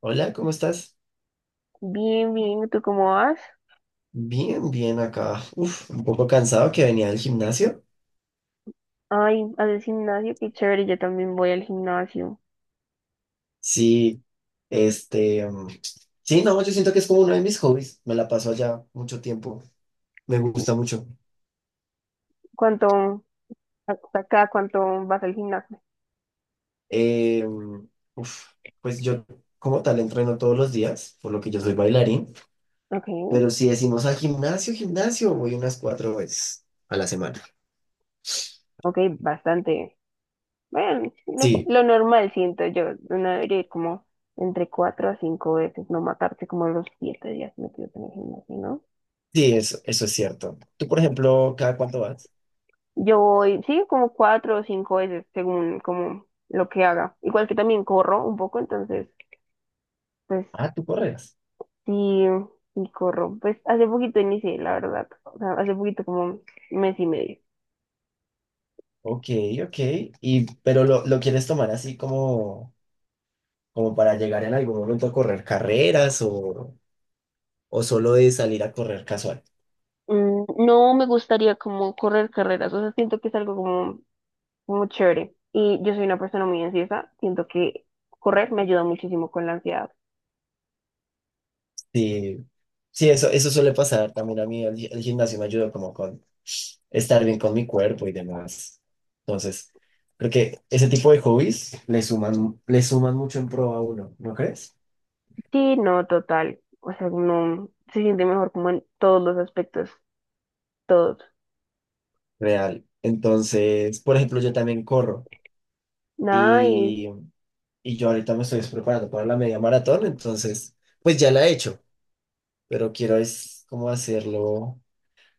Hola, ¿cómo estás? Bien, bien, ¿tú cómo vas? Bien, bien acá. Uf, un poco cansado que venía del gimnasio. Ay, ¿haces gimnasio? Qué chévere, yo también voy al gimnasio. Sí, este, sí, no, yo siento que es como uno de mis hobbies. Me la paso allá mucho tiempo. Me gusta ¿Cu- mucho. ¿Cuánto, hasta acá, ¿cuánto vas al gimnasio? Eh, mm, Uf, pues yo como tal entreno todos los días, por lo que yo soy bailarín. Ok, Pero si decimos al gimnasio, gimnasio, voy unas cuatro veces a la semana. ok, bastante. Bueno, lo, Sí, lo normal siento yo, uno debería ir como entre cuatro a cinco veces, no matarse como los siete días metidos en el gimnasio, ¿no? sí, eso es cierto. Tú, por ejemplo, ¿cada cuánto vas? Yo voy, sí, como cuatro o cinco veces, según como lo que haga. Igual que también corro un poco, entonces, pues. Ah, tú corres. Sí, y corro. Pues hace poquito inicié, la verdad. O sea, hace poquito como mes y medio. Ok, ok. Y, pero lo quieres tomar así como para llegar en algún momento a correr carreras o solo de salir a correr casual. No me gustaría como correr carreras. O sea, siento que es algo como, como chévere. Y yo soy una persona muy ansiosa. Siento que correr me ayuda muchísimo con la ansiedad. Sí, sí, eso suele pasar también a mí. El gimnasio me ayuda como con estar bien con mi cuerpo y demás. Entonces, creo que ese tipo de hobbies le suman mucho en pro a uno, ¿no crees? Sí, no, total. O sea, no se siente mejor como en todos los aspectos. Todos. Real. Entonces, por ejemplo, yo también corro Nice. y yo ahorita me estoy preparando para la media maratón, entonces, pues ya la he hecho, pero quiero es como hacerlo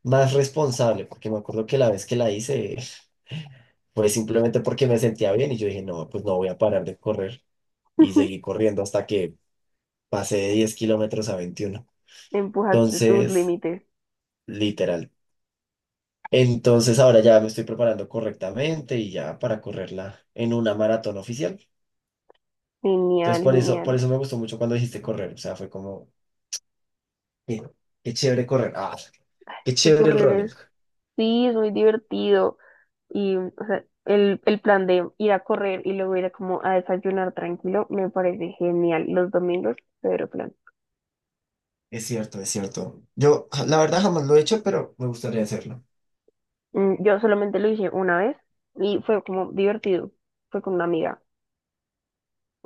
más responsable, porque me acuerdo que la vez que la hice fue simplemente porque me sentía bien y yo dije, no, pues no voy a parar de correr y seguí corriendo hasta que pasé de 10 kilómetros a 21. Empujaste tus Entonces, límites. literal. Entonces ahora ya me estoy preparando correctamente y ya para correrla en una maratón oficial. Genial, Entonces por genial. eso me gustó mucho cuando dijiste correr, o sea, fue como Qué, qué chévere correr. Ah, qué Es que chévere el correr running. es, sí, es muy divertido. Y o sea, el plan de ir a correr y luego ir a como a desayunar tranquilo me parece genial. Los domingos, pero plan. Es cierto, es cierto. La verdad, jamás lo he hecho, pero me gustaría hacerlo. Yo solamente lo hice una vez y fue como divertido. Fue con una amiga.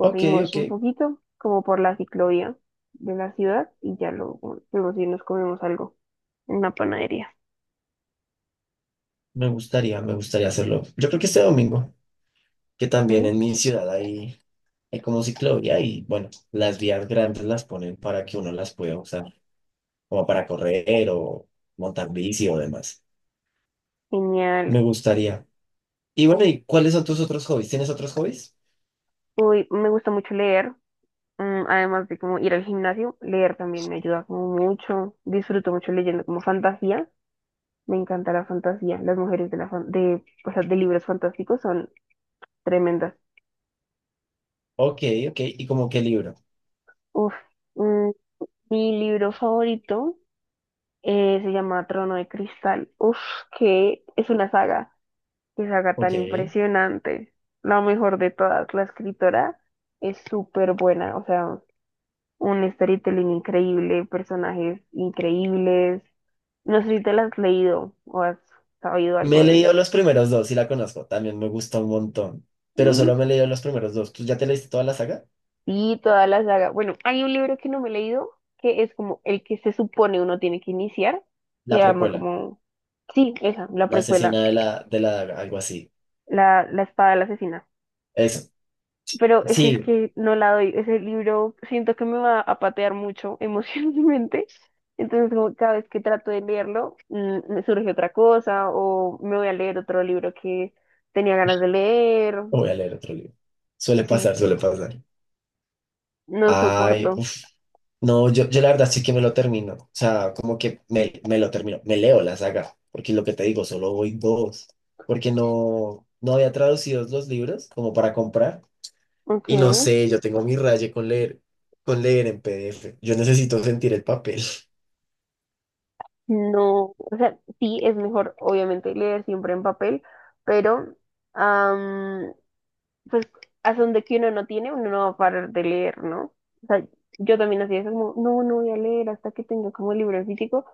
Ok, ok. un poquito, como por la ciclovía de la ciudad y ya luego fuimos y nos comimos algo en una panadería. Me gustaría hacerlo. Yo creo que este domingo, que Sí, también en mi ciudad hay como ciclovía y bueno, las vías grandes las ponen para que uno las pueda usar, como para correr o montar bici o demás. genial. Me gustaría. Y bueno, ¿y cuáles son tus otros hobbies? ¿Tienes otros hobbies? Uy, me gusta mucho leer. Además de como ir al gimnasio, leer también me ayuda como mucho. Disfruto mucho leyendo como fantasía. Me encanta la fantasía. Las mujeres de, o sea, de libros fantásticos son tremendas. Ok, ok. ¿Y como qué libro? Uf. mm, Mi libro favorito se llama Trono de Cristal. Uf, que es una saga. Qué saga tan Ok. impresionante. La mejor de todas. La escritora es súper buena. O sea, un storytelling increíble, personajes increíbles. No sé si te la has leído o has sabido algo Me he de... leído los primeros dos y la conozco, también me gusta un montón, pero mm, solo me he leído los primeros dos. ¿Tú ya te leíste toda la saga? Sí, toda la saga. Bueno, hay un libro que no me he leído, que es como el que se supone uno tiene que iniciar. Se La llama precuela, como, sí, esa, la la precuela, asesina de la algo así. la espada del asesina. Eso, Pero ese es sí, que no la doy. Ese libro siento que me va a patear mucho emocionalmente. Entonces, como cada vez que trato de leerlo, me surge otra cosa o me voy a leer otro libro que tenía ganas de leer. voy a leer otro libro. Suele Sí, pasar, suele pasar. no Ay, soporto. uf, no, yo la verdad sí que me lo termino, o sea, como que me lo termino, me leo la saga, porque lo que te digo, solo voy dos, porque no, no había traducido los libros como para comprar. Ok. Y no sé, yo tengo mi raye con leer en PDF. Yo necesito sentir el papel. No, o sea, sí es mejor, obviamente, leer siempre en papel, pero am, pues hasta donde que uno no tiene, uno no va a parar de leer, ¿no? O sea, yo también hacía eso como, no, no voy a leer hasta que tenga como el libro en físico,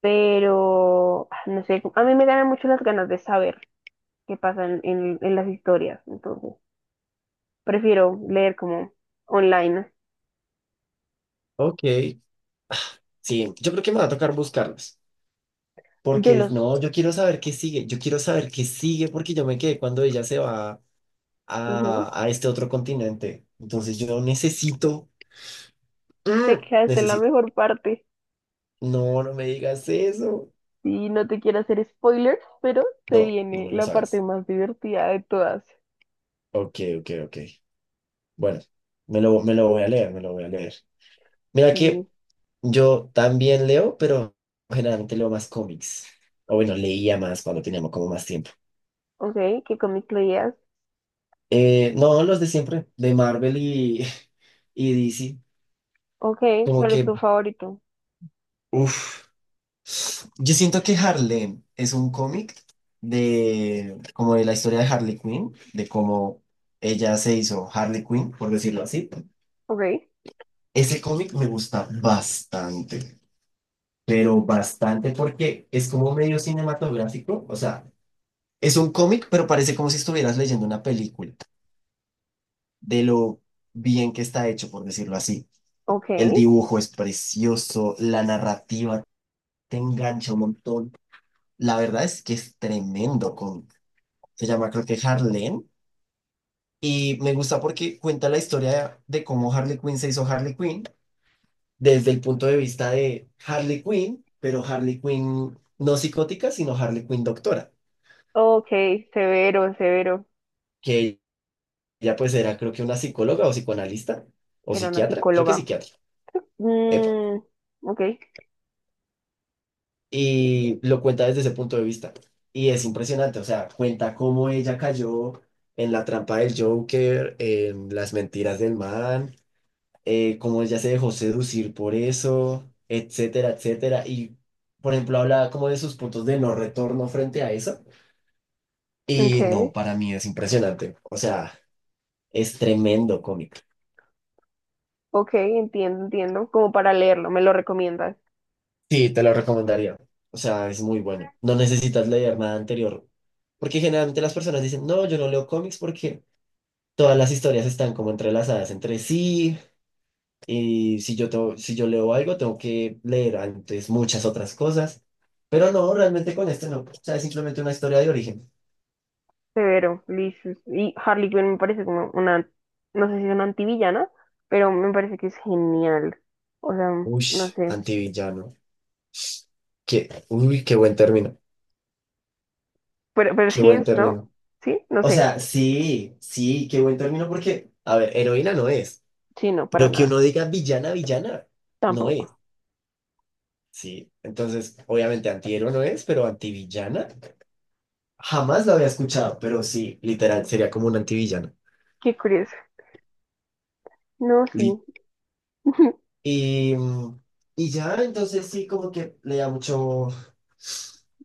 pero no sé, a mí me ganan mucho las ganas de saber qué pasa en, en las historias, entonces prefiero leer como online. Ok, sí, yo creo que me va a tocar buscarlas. Yo Porque no, los, yo quiero saber qué sigue. Yo quiero saber qué sigue porque yo me quedé cuando ella se va ujú, a este otro continente. Entonces yo necesito, te ¡mm! quedaste en la Necesito. mejor parte. No, no me digas eso. Y no te quiero hacer spoilers, pero se No, no viene me lo la parte hagas. más divertida de todas. Ok, ok, ok. Bueno, me lo voy a leer, me lo voy a leer. Mira Y, que yo también leo, pero generalmente leo más cómics. O bueno, leía más cuando teníamos como más tiempo. ok, ¿qué cómic leías? No, los de siempre, de Marvel y, y DC. Ok, Como ¿cuál es tu que, favorito? uff. Yo siento que Harlem es un cómic de como de la historia de Harley Quinn, de cómo ella se hizo Harley Quinn, por decirlo así. Ok, Ese cómic me gusta bastante, pero bastante porque es como medio cinematográfico, o sea. Es un cómic, pero parece como si estuvieras leyendo una película, de lo bien que está hecho, por decirlo así. ok, El dibujo es precioso, la narrativa te engancha un montón. La verdad es que es tremendo cómic. Se llama creo que Harlem y me gusta porque cuenta la historia de cómo Harley Quinn se hizo Harley Quinn desde el punto de vista de Harley Quinn, pero Harley Quinn no psicótica, sino Harley Quinn doctora, ok, severo, severo. que ella pues era creo que una psicóloga o psicoanalista o Era una psiquiatra, creo que psicóloga. psiquiatra. Epa. Mm, ok, Y lo cuenta desde ese punto de vista. Y es impresionante, o sea, cuenta cómo ella cayó en la trampa del Joker, en las mentiras del man, cómo ella se dejó seducir por eso, etcétera, etcétera. Y, por ejemplo, habla como de sus puntos de no retorno frente a eso. ok, Y no, para mí es impresionante. O sea, es tremendo cómic. ok, entiendo, entiendo. Como para leerlo, me lo recomiendas. Sí, te lo recomendaría. O sea, es muy bueno. No necesitas leer nada anterior. Porque generalmente las personas dicen, no, yo no leo cómics porque todas las historias están como entrelazadas entre sí, y si yo leo algo, tengo que leer antes muchas otras cosas, pero no, realmente con este no, o sea, es simplemente una historia de origen. Severo, Liz. Y Harley Quinn me parece como una, no sé si es una antivillana, pero me parece que es genial. O sea, Uy, no sé. antivillano. Uy, qué buen término, Pero qué sí buen es, ¿no? término. Sí, no O sé. sea, sí, sí, qué buen término porque, a ver, heroína no es, Sí, no, para pero que uno nada. diga villana, villana, no es, Tampoco. sí. Entonces, obviamente antihéroe no es, pero antivillana. Jamás lo había escuchado, pero sí, literal, sería como un antivillano. Qué curioso. No, Li- sí. Y, mm, y ya, entonces sí, como que leía mucho,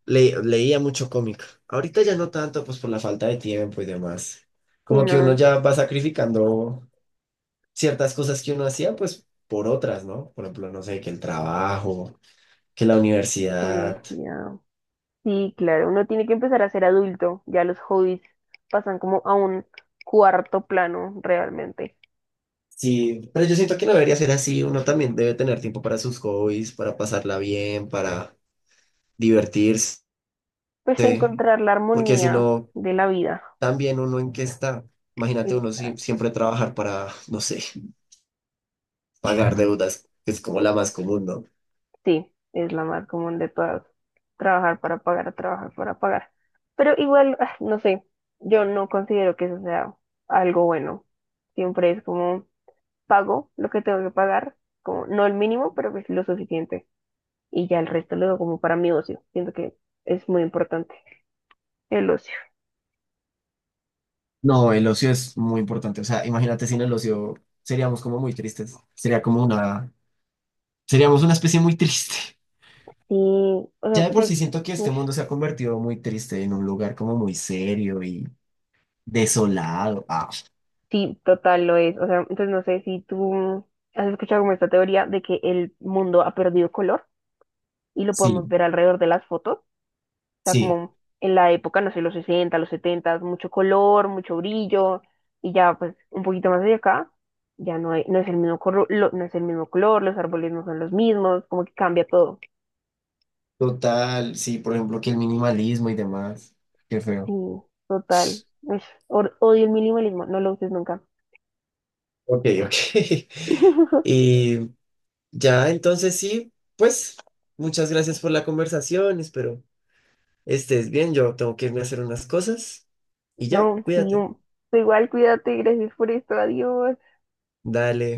leía mucho cómic. Ahorita ya no tanto, pues por la falta de tiempo y demás. Sí, Como no. que uno La ya va sacrificando ciertas cosas que uno hacía, pues por otras, ¿no? Por ejemplo, no sé, que el trabajo, que la universidad. universidad. Sí, claro. Uno tiene que empezar a ser adulto. Ya los hobbies pasan como a un cuarto plano realmente. Sí, pero yo siento que no debería ser así. Uno también debe tener tiempo para sus hobbies, para pasarla bien, para divertirse. Pues encontrar la Porque si armonía no, de la vida. también uno en qué está. Imagínate uno Exacto. siempre trabajar para, no sé, pagar deudas, que es como la más común, ¿no? Sí, es la más común de todas. Trabajar para pagar, trabajar para pagar. Pero igual, no sé, yo no considero que eso sea algo bueno. Siempre es como pago lo que tengo que pagar, como no el mínimo, pero pues lo suficiente. Y ya el resto lo doy como para mi ocio. Siento que es muy importante el ocio. No, el ocio es muy importante. O sea, imagínate sin el ocio seríamos como muy tristes. Seríamos una especie muy triste. Sí, o sea, Ya de por pues, sí siento que este ush, mundo se ha convertido muy triste en un lugar como muy serio y desolado. Ah, sí, total lo es. O sea, entonces no sé si tú has escuchado como esta teoría de que el mundo ha perdido color y lo podemos sí, ver alrededor de las fotos, o sea, sí, como en la época, no sé, los 60, los 70, mucho color, mucho brillo, y ya pues un poquito más de acá, ya no, no es el mismo color, no es el mismo color, los árboles no son los mismos, como que cambia todo. total. Sí, por ejemplo, que el minimalismo y demás. Qué Sí, feo. total. Ush, odio el minimalismo, no lo uses nunca. Ok, ok. Y Ya, entonces sí, pues muchas gracias por la conversación, espero estés bien, yo tengo que irme a hacer unas cosas y ya, No, sí, cuídate. Tú igual cuídate, gracias por esto, adiós. Dale.